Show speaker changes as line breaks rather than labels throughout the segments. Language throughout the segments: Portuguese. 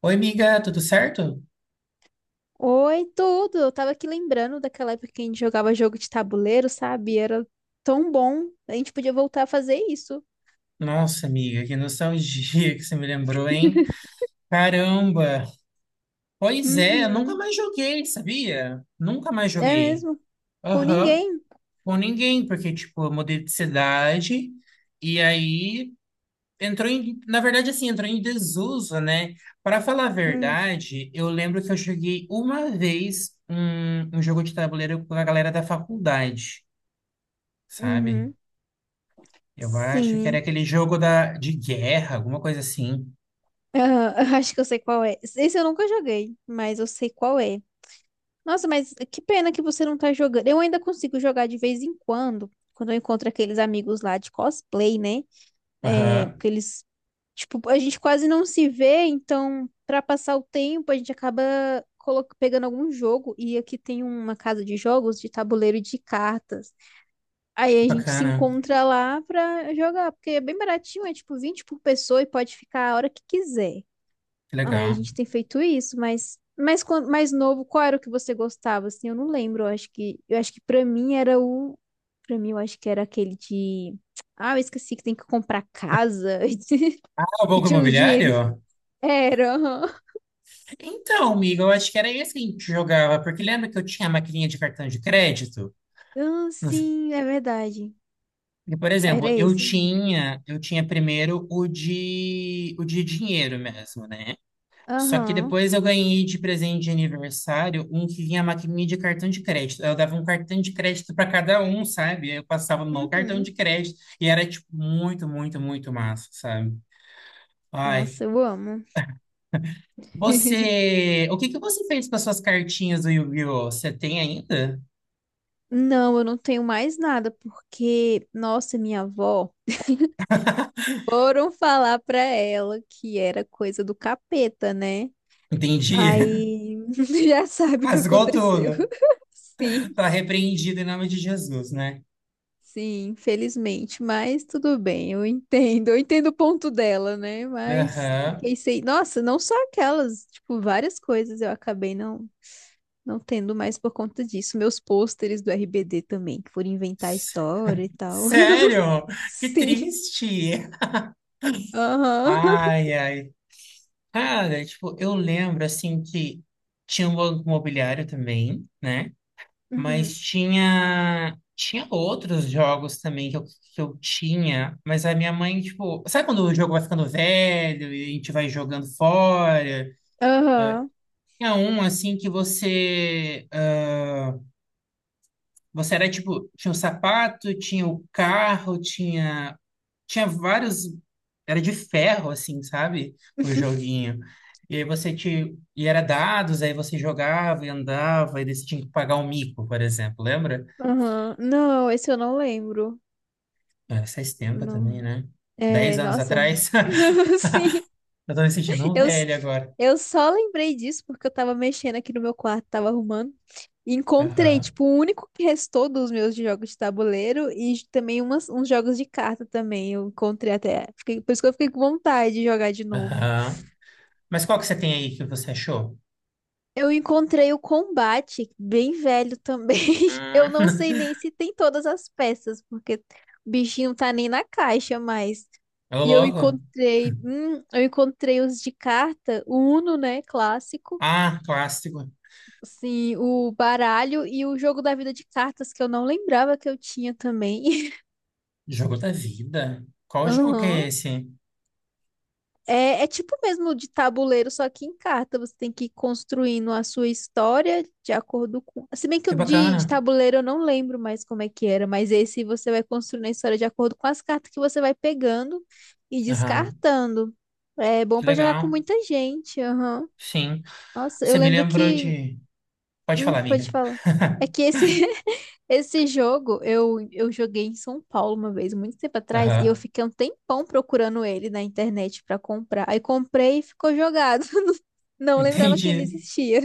Oi, amiga, tudo certo?
Oi, tudo! Eu tava aqui lembrando daquela época que a gente jogava jogo de tabuleiro, sabe? Era tão bom. A gente podia voltar a fazer isso.
Nossa, amiga, que nostalgia que você me lembrou, hein? Caramba! Pois é, eu nunca
Uhum.
mais joguei, sabia? Nunca mais
É
joguei.
mesmo? Com
Aham,
ninguém.
com ninguém, porque, tipo, eu mudei de cidade e aí entrou em. Na verdade, assim, entrou em desuso, né? Para falar a
Hum.
verdade, eu lembro que eu joguei uma vez um jogo de tabuleiro com a galera da faculdade, sabe?
Uhum.
Eu acho que era
Sim.
aquele jogo de guerra, alguma coisa assim.
Aham, eu acho que eu sei qual é. Esse eu nunca joguei, mas eu sei qual é. Nossa, mas que pena que você não tá jogando. Eu ainda consigo jogar de vez em quando, quando eu encontro aqueles amigos lá de cosplay, né? É,
Aham,
porque eles tipo, a gente quase não se vê, então, pra passar o tempo, a gente acaba pegando algum jogo. E aqui tem uma casa de jogos de tabuleiro e de cartas. Aí
que
a gente se
bacana,
encontra lá pra jogar, porque é bem baratinho, é tipo 20 por pessoa e pode ficar a hora que quiser.
que
Aí a
legal.
gente tem feito isso, mas mais novo, qual era o que você gostava? Assim, eu não lembro. Eu acho que para mim era o para mim eu acho que era aquele de ah, eu esqueci que tem que comprar casa,
Ah, o
que
Banco
tinha uns dinheirinhos.
Imobiliário?
Era, aham.
Então, amigo, eu acho que era esse que a gente jogava, porque lembra que eu tinha a maquininha de cartão de crédito?
Ah,
Não sei.
sim, é verdade.
E, por
Era
exemplo, eu
esse.
tinha, eu tinha primeiro o de dinheiro mesmo, né? Só que
Aham.
depois eu ganhei de presente de aniversário um que vinha a maquininha de cartão de crédito. Eu dava um cartão de crédito para cada um, sabe? Eu passava no cartão
Uhum.
de crédito e era, tipo, muito, muito, muito massa, sabe? Ai,
Nossa, eu amo.
você, o que que você fez com as suas cartinhas do Yu-Gi-Oh? Você tem ainda?
Não, eu não tenho mais nada, porque, nossa, minha avó, foram falar pra ela que era coisa do capeta, né?
Entendi.
Aí, já sabe o que
Rasgou
aconteceu.
tudo.
Sim.
Tá repreendido em nome de Jesus, né?
Sim, infelizmente, mas tudo bem, eu entendo o ponto dela, né? Mas
Aham.
fiquei sem. Nossa, não só aquelas, tipo, várias coisas eu acabei não, não tendo mais por conta disso. Meus pôsteres do RBD também, que foram inventar
S-
história e tal.
Sério? Que
Sim,
triste.
aham.
Ai, ai. Cara, tipo, eu lembro assim que tinha um banco imobiliário também, né?
Uhum.
Mas tinha outros jogos também que que eu tinha, mas a minha mãe, tipo, sabe quando o jogo vai ficando velho e a gente vai jogando fora?
Aham,
Tinha um assim que você era tipo, tinha o sapato, tinha o carro, tinha vários era de ferro assim, sabe? O joguinho. E aí você te e era dados, aí você jogava e andava e daí você tinha que pagar um mico, por exemplo, lembra?
aham. Não, esse eu não lembro.
Ah, faz tempo também,
Não.
né?
É,
10 anos
nossa.
atrás.
Sim.
Eu tô me sentindo um
Eu, s-
velho agora.
eu só lembrei disso porque eu tava mexendo aqui no meu quarto, tava arrumando. E encontrei,
Aham.
tipo, o único que restou dos meus de jogos de tabuleiro e também uns jogos de carta também. Eu encontrei até. Fiquei, por isso que eu fiquei com vontade de jogar de novo.
Aham. Mas qual que você tem aí que você achou?
Eu encontrei o combate, bem velho também. Eu não
Hum.
sei nem se tem todas as peças, porque o bichinho não tá nem na caixa mais.
Ô,
E
louco.
eu encontrei os de carta, o Uno, né, clássico.
Ah, clássico.
Sim, o baralho e o jogo da vida de cartas que eu não lembrava que eu tinha também.
Jogo da vida. Qual jogo que é
Aham.
esse?
É, é tipo mesmo de tabuleiro, só que em carta. Você tem que ir construindo a sua história de acordo com. Se bem que
Que
o de
bacana.
tabuleiro eu não lembro mais como é que era, mas esse você vai construindo a história de acordo com as cartas que você vai pegando e
Aham.
descartando. É bom
Que
pra jogar com
legal.
muita gente. Aham.
Sim.
Nossa, eu
Você me
lembro
lembrou
que
de. Pode
hum,
falar,
pode
amiga.
falar. É que esse, esse jogo eu joguei em São Paulo uma vez, muito tempo atrás, e eu
Aham.
fiquei um tempão procurando ele na internet pra comprar. Aí comprei e ficou jogado. Não lembrava que ele
Entendi.
existia.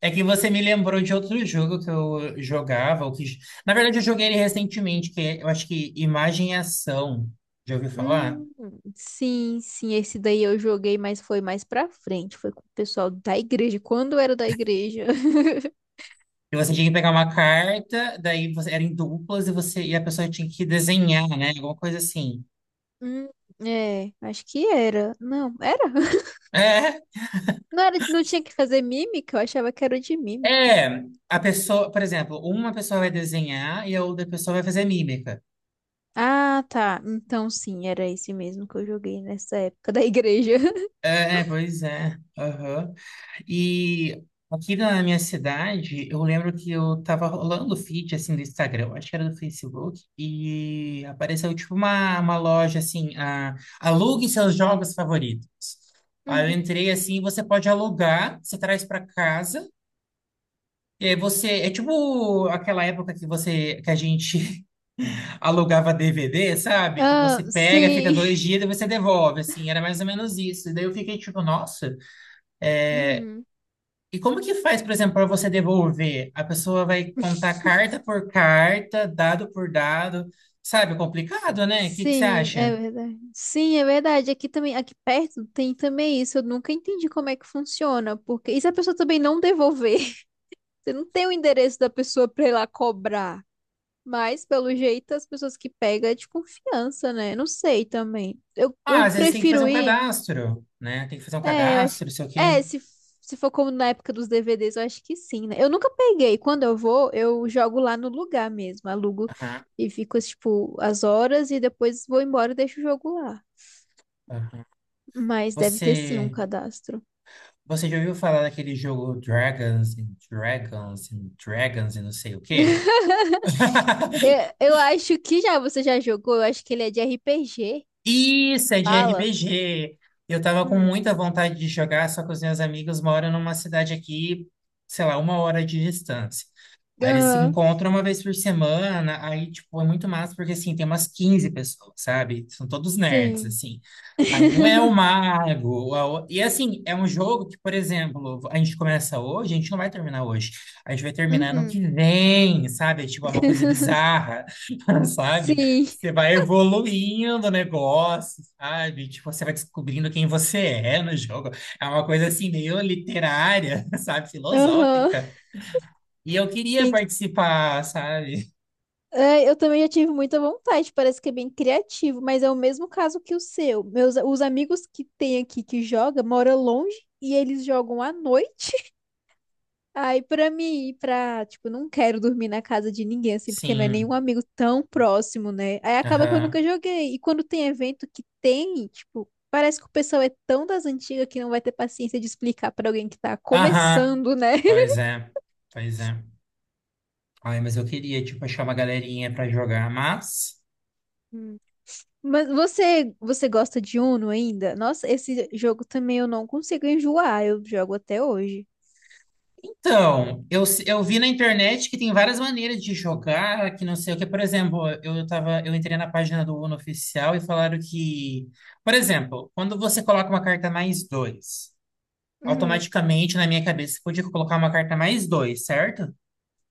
É que você me lembrou de outro jogo que eu jogava, ou que... Na verdade, eu joguei ele recentemente, que eu acho que Imagem e Ação. Já ouviu falar?
Hum, sim, sim, esse daí eu joguei, mas foi mais pra frente. Foi com o pessoal da igreja, quando eu era da igreja.
E você tinha que pegar uma carta, daí você era em duplas e você e a pessoa tinha que desenhar, né? Alguma coisa assim.
Hum, é, acho que era. Não, era?
É,
Não era, não tinha que fazer mímica? Eu achava que era o de mímica.
é. A pessoa, por exemplo, uma pessoa vai desenhar e a outra pessoa vai fazer mímica.
Ah, tá. Então sim, era esse mesmo que eu joguei nessa época da igreja.
É, é, pois é. Aham. E aqui na minha cidade, eu lembro que eu tava rolando o feed, assim, do Instagram, eu acho que era do Facebook, e apareceu, tipo, uma loja, assim, alugue seus jogos favoritos. Aí
Uhum.
eu entrei, assim, você pode alugar, você traz para casa, e aí você... É tipo aquela época que a gente alugava DVD, sabe? Que você
Ah,
pega, fica
sim.
dois dias, e você devolve, assim, era mais ou menos isso. E daí eu fiquei, tipo, nossa...
Uhum.
E como que faz, por exemplo, para você devolver? A pessoa vai contar carta por carta, dado por dado, sabe? Complicado, né? O que que você
Sim,
acha?
é verdade. Sim, é verdade. Aqui também, aqui perto tem também isso. Eu nunca entendi como é que funciona, porque e se a pessoa também não devolver? Você não tem o endereço da pessoa pra ir lá cobrar. Mas, pelo jeito, as pessoas que pegam é de confiança, né? Não sei também.
Ah,
Eu
às vezes tem que fazer
prefiro
um
ir.
cadastro, né? Tem que fazer um
É, eu acho.
cadastro, não sei o quê.
É, se, se for como na época dos DVDs, eu acho que sim, né? Eu nunca peguei. Quando eu vou, eu jogo lá no lugar mesmo. Alugo
Aham,
e fico, tipo, as horas e depois vou embora e deixo o jogo lá.
aham.
Mas deve ter sim um
Você,
cadastro.
você já ouviu falar daquele jogo Dragons and Dragons and Dragons e não sei o quê?
Eu acho que já você já jogou. Eu acho que ele é de RPG.
Isso, é de
Fala.
RPG. Eu tava com
Hum.
muita vontade de jogar, só que os meus amigos moram numa cidade aqui, sei lá, 1 hora de distância. Aí eles se
Aham.
encontram uma vez por semana, aí, tipo, é muito massa, porque, assim, tem umas 15 pessoas, sabe? São todos nerds,
Sim.
assim. Aí um é o mago. E assim, é um jogo que, por exemplo, a gente começa hoje, a gente não vai terminar hoje. A gente vai terminar no
Uhum.
que vem, sabe? É tipo, é uma coisa bizarra, sabe?
Sim,
Você vai evoluindo o negócio, sabe? Tipo, você vai descobrindo quem você é no jogo. É uma coisa assim, meio literária, sabe?
aham.
Filosófica. E eu queria
Tem que...
participar, sabe?
Ai, eu também já tive muita vontade, parece que é bem criativo, mas é o mesmo caso que o seu. Os amigos que tem aqui que joga moram longe e eles jogam à noite. Aí pra mim ir pra, tipo, não quero dormir na casa de ninguém assim, porque não é nenhum
Sim.
amigo tão próximo, né? Aí acaba que eu
Aham.
nunca joguei. E quando tem evento que tem, tipo, parece que o pessoal é tão das antigas que não vai ter paciência de explicar pra alguém que tá
Aham.
começando, né?
Pois é. Pois é. Ai, mas eu queria, tipo, achar uma galerinha pra jogar, mas...
Mas você gosta de Uno ainda? Nossa, esse jogo também eu não consigo enjoar, eu jogo até hoje.
Então, eu, eu vi na internet que tem várias maneiras de jogar, que não sei o que. Por exemplo, eu entrei na página do Uno oficial e falaram que... Por exemplo, quando você coloca uma carta mais dois,
Uhum.
automaticamente, na minha cabeça, você podia colocar uma carta mais dois, certo?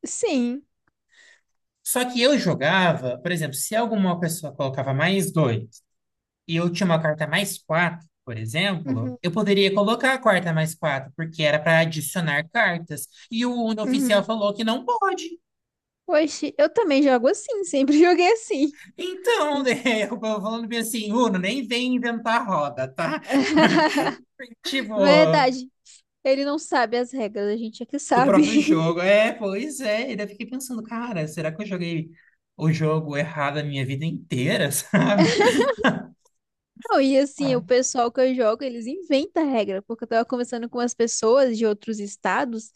Sim.
Só que eu jogava, por exemplo, se alguma pessoa colocava mais dois, e eu tinha uma carta mais quatro, por exemplo,
uhum,
eu poderia colocar a quarta mais quatro, porque era para adicionar cartas. E o Uno oficial
uhum.
falou que não pode.
Oxe, eu também jogo assim, sempre joguei assim.
Então, né, eu tava falando bem assim, Uno, nem vem inventar roda, tá? Tipo,
Verdade. Ele não sabe as regras, a gente é que
do
sabe.
próprio jogo. É, pois é. E daí eu fiquei pensando, cara, será que eu joguei o jogo errado a minha vida inteira, sabe?
Não, e assim, o
Ai.
pessoal que eu jogo, eles inventam regra, porque eu tava conversando com as pessoas de outros estados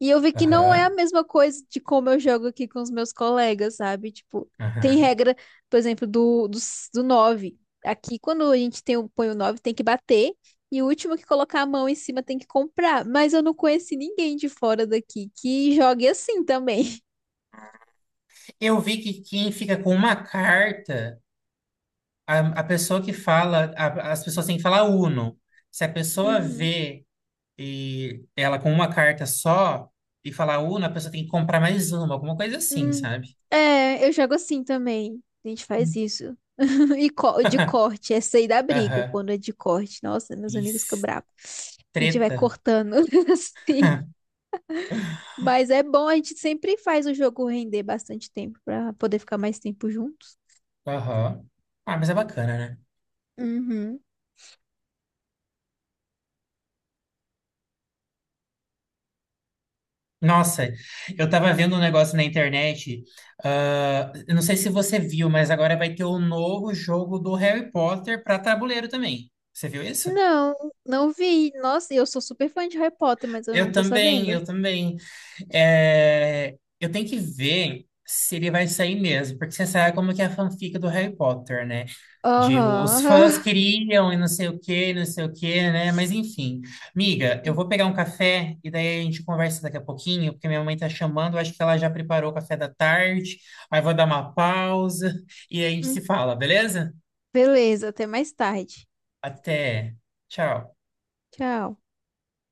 e eu vi que não é
Aham,
a mesma coisa de como eu jogo aqui com os meus colegas, sabe? Tipo, tem
aham.
regra, por exemplo, do nove. Aqui, quando a gente põe o 9 tem que bater e o último que colocar a mão em cima tem que comprar. Mas eu não conheci ninguém de fora daqui que jogue assim também.
Eu vi que quem fica com uma carta. A pessoa que fala, as pessoas têm que falar Uno. Se a pessoa
Uhum.
vê e ela com uma carta só e falar Uno, a pessoa tem que comprar mais uma, alguma coisa assim,
Hum.
sabe?
É, eu jogo assim também. A gente faz
Hum.
isso. E de corte, essa aí da briga,
Aham.
quando é de corte. Nossa, meus amigos ficam
Isso.
bravos. A gente vai
Treta.
cortando assim. Mas é bom, a gente sempre faz o jogo render bastante tempo pra poder ficar mais tempo juntos.
Aham. Ah, mas é bacana, né?
Uhum.
Nossa, eu tava vendo um negócio na internet. Eu não sei se você viu, mas agora vai ter o novo jogo do Harry Potter para tabuleiro também. Você viu isso?
Não, não vi. Nossa, e eu sou super fã de Harry Potter, mas eu não
Eu
tô
também,
sabendo.
eu também. É, eu tenho que ver se ele vai sair mesmo, porque você sabe como que é a fanfic do Harry Potter, né? De os
Aham.
fãs
Aham.
queriam e não sei o que, não sei o que, né? Mas enfim. Miga, eu vou pegar um café e daí a gente conversa daqui a pouquinho, porque minha mãe tá chamando, eu acho que ela já preparou o café da tarde. Aí vou dar uma pausa e a gente se
Hum.
fala, beleza?
Beleza, até mais tarde.
Até. Tchau.
Tchau.